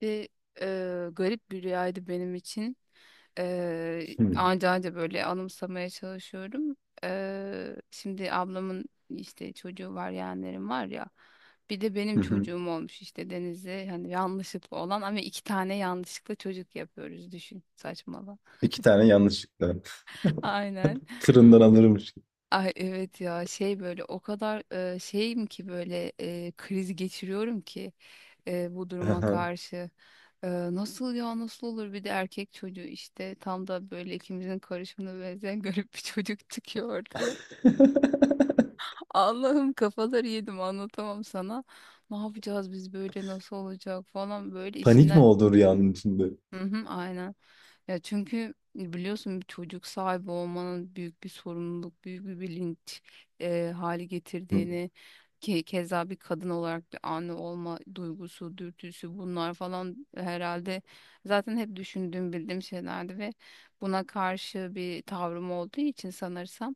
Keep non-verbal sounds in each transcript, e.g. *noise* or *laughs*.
Bir garip bir rüyaydı benim için. E, Hımm. Anca anca böyle anımsamaya çalışıyorum. Şimdi ablamın işte çocuğu var, yeğenlerim var ya. Bir de benim Hı hı. çocuğum olmuş işte Deniz'e hani yanlışlıkla olan ama iki tane yanlışlıkla çocuk yapıyoruz düşün saçmalama. 2 tane yanlışlıkla. *laughs* Aynen. *laughs* Fırından alırmış gibi. Ay evet ya şey böyle o kadar şeyim ki böyle kriz geçiriyorum ki bu duruma *laughs* karşı. E, Nasıl ya nasıl olur bir de erkek çocuğu işte tam da böyle ikimizin karışımına benzeyen *laughs* garip bir çocuk çıkıyor ortaya. Allah'ım kafaları yedim anlatamam sana. Ne yapacağız biz böyle nasıl olacak falan böyle Panik mi içinden. oldu rüyanın içinde? Hı hı, aynen. Ya çünkü biliyorsun bir çocuk sahibi olmanın büyük bir sorumluluk, büyük bir bilinç hali Hı. getirdiğini, ki keza bir kadın olarak bir anne olma duygusu, dürtüsü bunlar falan herhalde zaten hep düşündüğüm, bildiğim şeylerdi ve buna karşı bir tavrım olduğu için sanırsam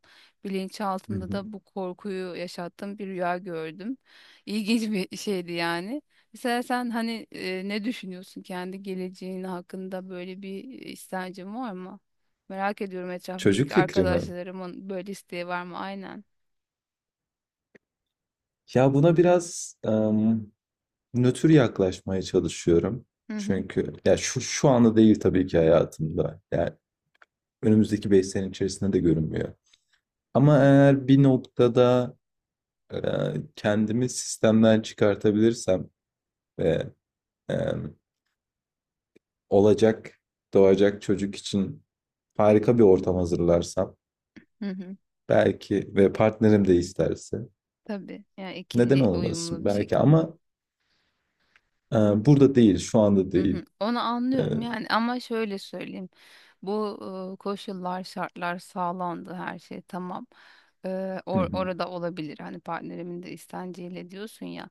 Hı bilinçaltında hı. da bu korkuyu yaşattığım bir rüya gördüm. İlginç bir şeydi yani. Mesela sen hani ne düşünüyorsun kendi geleceğin hakkında, böyle bir istencin var mı? Merak ediyorum Çocuk etrafımdaki fikri mi? arkadaşlarımın böyle isteği var mı? Aynen. Ya buna biraz, nötr yaklaşmaya çalışıyorum. Hı hı. Çünkü ya şu anda değil tabii ki hayatımda. Yani önümüzdeki 5 sene içerisinde de görünmüyor. Ama eğer bir noktada, kendimi sistemden çıkartabilirsem ve, olacak, doğacak çocuk için harika bir ortam hazırlarsam Hı hı. belki ve partnerim de isterse Tabii. Yani neden ikili uyumlu olmasın bir belki şekilde. ama burada değil, şu anda Hı hı, değil. onu E, anlıyorum yani ama şöyle söyleyeyim. Bu koşullar, şartlar sağlandı her şey tamam. E, orada olabilir hani partnerimin de istenciyle diyorsun ya.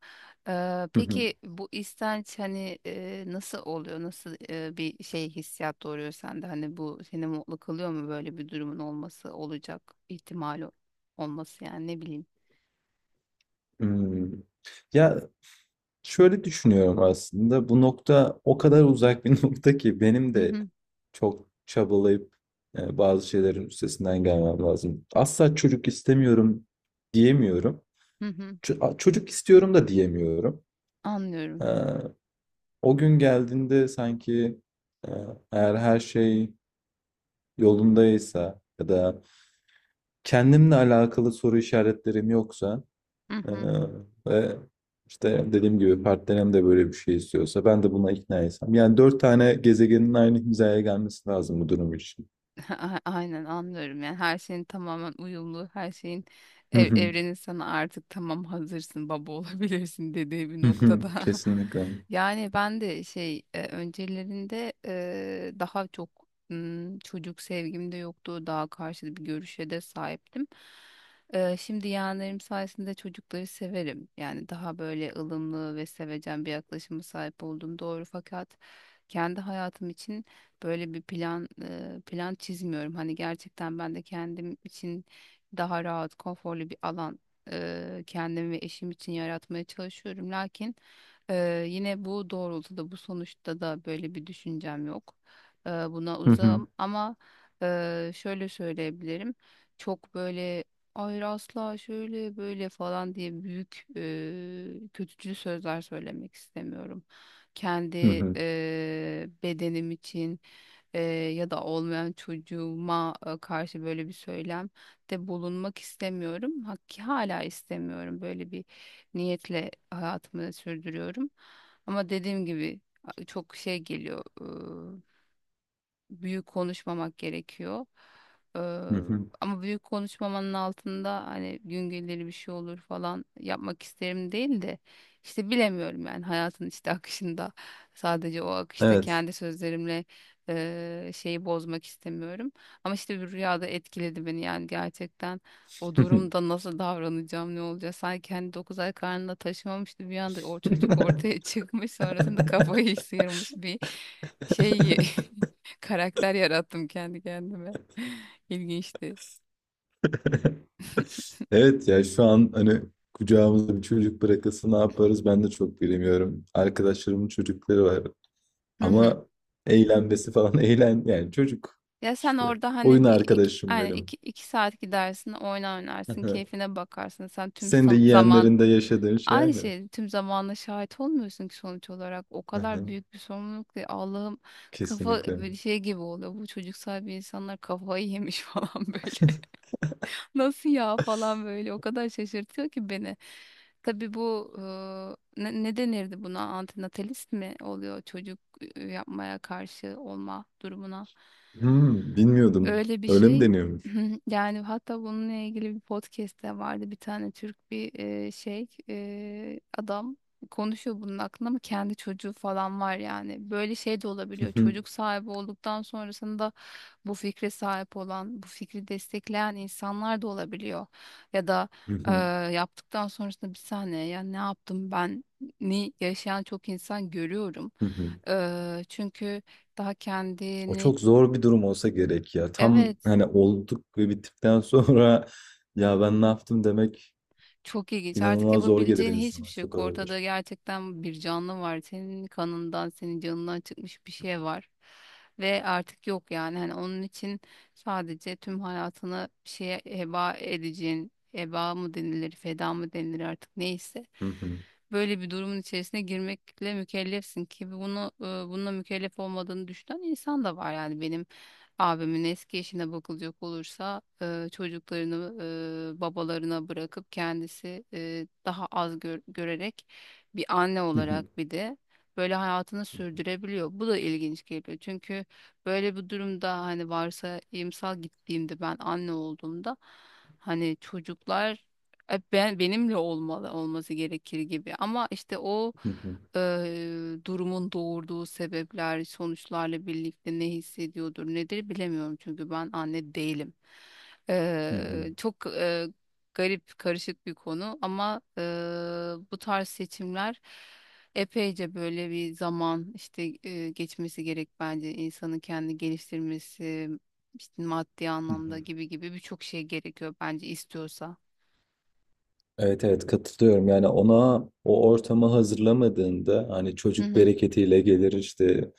E, peki *laughs* bu istenç hani nasıl oluyor? Nasıl bir şey hissiyat doğuruyor sende? Hani bu seni mutlu kılıyor mu böyle bir durumun olması olacak ihtimali olması, yani ne bileyim. hmm. Ya şöyle düşünüyorum aslında bu nokta o kadar uzak bir *laughs* nokta ki benim Hı de hı, çok çabalayıp bazı şeylerin üstesinden gelmem lazım. Asla çocuk istemiyorum diyemiyorum. hı hı, Çocuk istiyorum da diyemiyorum. anlıyorum. Ee, O gün geldiğinde sanki e, eğer her şey yolundaysa ya da kendimle alakalı soru işaretlerim yoksa Hı e, hı. ve işte dediğim gibi partnerim de böyle bir şey istiyorsa ben de buna ikna etsem. Yani 4 tane gezegenin aynı hizaya gelmesi lazım bu durum için. Aynen anlıyorum, yani her şeyin tamamen uyumlu, her şeyin Hı hı. evrenin sana artık tamam hazırsın baba *laughs* olabilirsin dediği bir Hı noktada. hı. Kesinlikle. *laughs* Yani ben de şey, öncelerinde daha çok çocuk sevgim de yoktu, daha karşıt bir görüşe de sahiptim. Şimdi yeğenlerim sayesinde çocukları severim yani, daha böyle ılımlı ve sevecen bir yaklaşıma sahip oldum doğru, fakat kendi hayatım için böyle bir plan, plan çizmiyorum. Hani gerçekten ben de kendim için daha rahat, konforlu bir alan kendim ve eşim için yaratmaya çalışıyorum. Lakin yine bu doğrultuda, bu sonuçta da böyle bir düşüncem yok. Buna Hı hı. uzağım ama şöyle söyleyebilirim. Çok böyle hayır asla şöyle böyle falan diye büyük kötücül sözler söylemek istemiyorum. Hı Kendi hı. Bedenim için, e, ya da olmayan çocuğuma karşı böyle bir söylem de bulunmak istemiyorum. Hakki hala istemiyorum. Böyle bir niyetle hayatımı sürdürüyorum. Ama dediğim gibi, çok şey geliyor, büyük konuşmamak gerekiyor. Ee, Hı hı. Ama büyük konuşmamanın altında hani gün gelir bir şey olur falan yapmak isterim değil de işte bilemiyorum yani, hayatın işte akışında, sadece o akışta Evet. kendi sözlerimle şeyi bozmak istemiyorum. Ama işte bir rüyada etkiledi beni yani, gerçekten o durumda nasıl davranacağım, ne olacak, sanki hani 9 ay karnında taşımamıştı, bir anda o çocuk ortaya *laughs* çıkmış, sonrasında kafayı *laughs* sıyırmış bir şey *laughs* *laughs* karakter yarattım kendi kendime. *laughs* İlginçti. *laughs* Evet, ya şu an hani kucağımızda bir çocuk bırakılsa ne yaparız ben de çok bilemiyorum. Arkadaşlarımın çocukları var Hı hı. ama eğlenmesi falan *laughs* eğlen, yani çocuk Ya sen işte orada oyun hani bir iki, arkadaşım aynen benim. iki, iki saat gidersin, oyna, oynarsın, *laughs* keyfine bakarsın. Sen tüm Sen de zaman yeğenlerinde yaşadığın şey aynı aynı. şey, tüm zamanla şahit olmuyorsun ki sonuç olarak. O Aha, kadar büyük bir sorumluluk ki Allah'ım, kafa kesinlikle. böyle şey gibi oluyor. Bu çocuk sahibi insanlar kafayı yemiş *laughs* falan böyle. *laughs* Nasıl ya falan böyle, o kadar şaşırtıyor ki beni. Tabii bu ne denirdi buna? Antinatalist mi oluyor çocuk yapmaya karşı olma durumuna? Bilmiyordum. Öyle bir Öyle mi şey deniyormuş? *clears throat* yani, hatta bununla ilgili bir podcast de vardı, bir tane Türk bir adam konuşuyor bunun hakkında, ama kendi çocuğu falan var yani, böyle şey de olabiliyor, çocuk sahibi olduktan sonrasında bu fikre sahip olan, bu fikri destekleyen insanlar da olabiliyor, ya da e, *laughs* yaptıktan sonrasında bir saniye ya ne yaptım ben, ni yaşayan çok insan görüyorum. Çünkü daha O kendini çok zor bir durum olsa gerek ya. Tam evet hani olduk ve bittikten sonra *laughs* ya ben ne yaptım demek. çok ilginç. Artık İnanılmaz zor gelir yapabileceğin hiçbir insana. şey Çok yok. Ortada ağırdır. gerçekten bir canlı var. Senin kanından, senin canından çıkmış bir şey var. Ve artık yok yani. Hani onun için sadece tüm hayatını bir şeye heba edeceğin, heba mı denilir, feda mı denilir, artık neyse. Hı hı. Böyle bir durumun içerisine girmekle mükellefsin ki, bunu bununla mükellef olmadığını düşünen insan da var, yani benim abimin eski eşine bakılacak olursa çocuklarını babalarına bırakıp kendisi daha az görerek bir anne Hı hı. olarak bir de böyle hayatını Hı hı. sürdürebiliyor. Bu da ilginç geliyor. Çünkü böyle bir durumda hani varsa imsal gittiğimde ben anne olduğumda hani çocuklar hep benimle olmalı, olması gerekir gibi. Ama işte o, durumun doğurduğu sebepler, sonuçlarla birlikte ne hissediyordur, nedir bilemiyorum çünkü ben anne değilim. Hı hı. Çok garip, karışık bir konu ama bu tarz seçimler epeyce böyle bir zaman işte, geçmesi gerek bence, insanın kendi geliştirmesi, işte maddi Hı anlamda hı. gibi gibi birçok şey gerekiyor bence, istiyorsa. Evet, evet, katılıyorum. Yani ona o ortamı hazırlamadığında hani çocuk Hı bereketiyle gelir işte,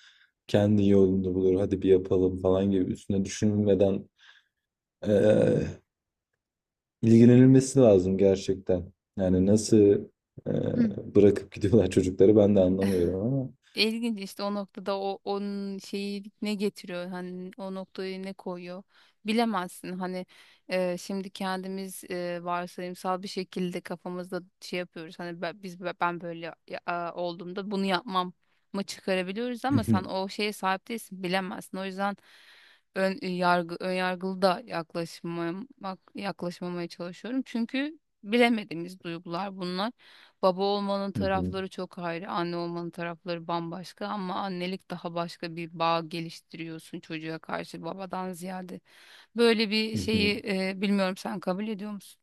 kendi yolunu bulur, hadi bir yapalım falan gibi, üstüne düşünmeden eee, ilgilenilmesi lazım gerçekten. Yani nasıl eee, hı. bırakıp gidiyorlar çocukları ben de anlamıyorum ama. İlginç, işte o noktada o onun şeyi ne getiriyor, hani o noktayı ne koyuyor bilemezsin hani, şimdi kendimiz varsayımsal bir şekilde kafamızda şey yapıyoruz hani ben, ben böyle olduğumda bunu yapmam mı çıkarabiliyoruz, Hı ama sen hı. o şeye sahip değilsin bilemezsin, o yüzden ön yargılı da yaklaşmamaya çalışıyorum çünkü bilemediğimiz duygular bunlar. Baba olmanın Hı hı. tarafları çok ayrı, anne olmanın tarafları bambaşka, ama annelik daha başka bir bağ geliştiriyorsun çocuğa karşı babadan ziyade. Böyle bir Hı hı. şeyi bilmiyorum, sen kabul ediyor musun?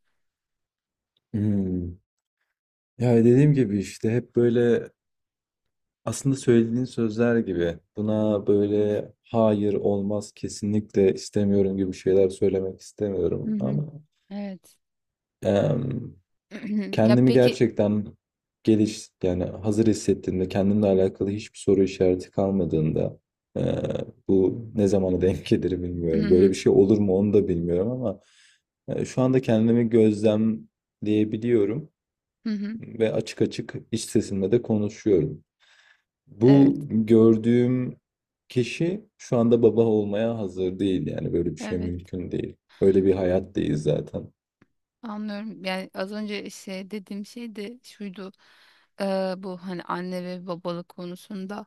Hı. Ya dediğim gibi işte hep böyle. Aslında söylediğin sözler gibi buna böyle hayır olmaz, kesinlikle istemiyorum gibi şeyler söylemek Hı istemiyorum hı. ama Evet. em, *clears throat* Ya kendimi peki. gerçekten yani hazır hissettiğimde, kendimle alakalı hiçbir soru işareti kalmadığında e, bu ne zamana denk gelir Hı bilmiyorum. Böyle bir hı. şey olur mu onu da bilmiyorum ama şu anda kendimi gözlemleyebiliyorum Hı hı. ve açık açık iç sesimle de konuşuyorum. Bu Evet. gördüğüm kişi şu anda baba olmaya hazır değil. Yani böyle bir şey Evet. mümkün değil. Öyle bir hayat değil zaten. Anlıyorum. Yani az önce şey dediğim şey de şuydu. Bu hani anne ve babalık konusunda,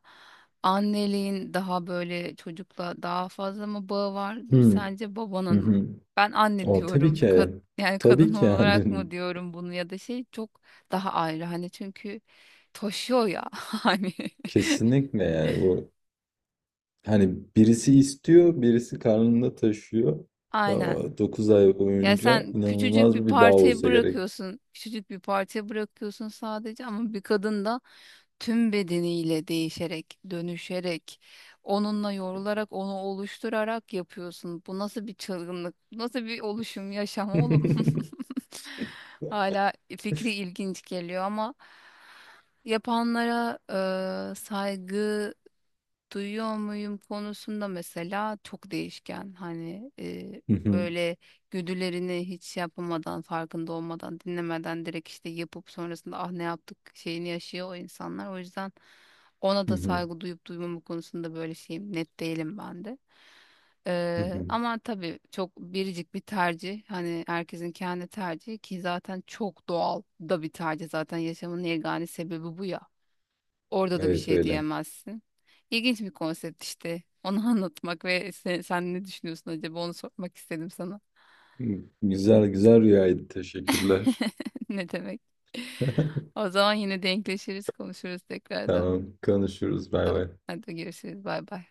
anneliğin daha böyle çocukla daha fazla mı bağı vardır Hmm. sence, Hı babanın mı? hı. Ben anne O tabii diyorum. Ki. Yani Tabii kadın *laughs* ki olarak yani mı diyorum bunu, ya da şey çok daha ayrı. Hani çünkü taşıyor ya *laughs* hani. *laughs* kesinlikle, yani bu hani birisi istiyor, birisi karnında taşıyor. Aynen. 9 ay Ya boyunca sen küçücük bir inanılmaz bir bağ partiye olsa gerek. bırakıyorsun, küçücük bir partiye bırakıyorsun sadece, ama bir kadın da tüm bedeniyle değişerek, dönüşerek, onunla yorularak, onu oluşturarak yapıyorsun. Bu nasıl bir çılgınlık, bu nasıl bir oluşum, yaşam *laughs* oğlum? Hı *laughs* Hala fikri ilginç geliyor, ama yapanlara saygı duyuyor muyum konusunda mesela çok değişken. Hani hı, böyle güdülerini hiç şey yapamadan, farkında olmadan, dinlemeden direkt işte yapıp sonrasında ah ne yaptık şeyini yaşıyor o insanlar. O yüzden ona hı da hı, saygı duyup duymama konusunda böyle şeyim, net değilim ben de. hı hı. Ama tabii çok biricik bir tercih. Hani herkesin kendi tercihi ki zaten çok doğal da bir tercih. Zaten yaşamın yegane sebebi bu ya. Orada da bir Evet, şey öyle. diyemezsin. İlginç bir konsept işte. Onu *laughs* anlatmak ve sen ne düşünüyorsun acaba, onu sormak istedim sana. Hı. Güzel güzel rüyaydı. Teşekkürler. *laughs* Ne demek? *laughs* O zaman yine denkleşiriz, konuşuruz tekrardan. Tamam, konuşuruz. Bay Tamam. bay. Hadi görüşürüz. Bay bay.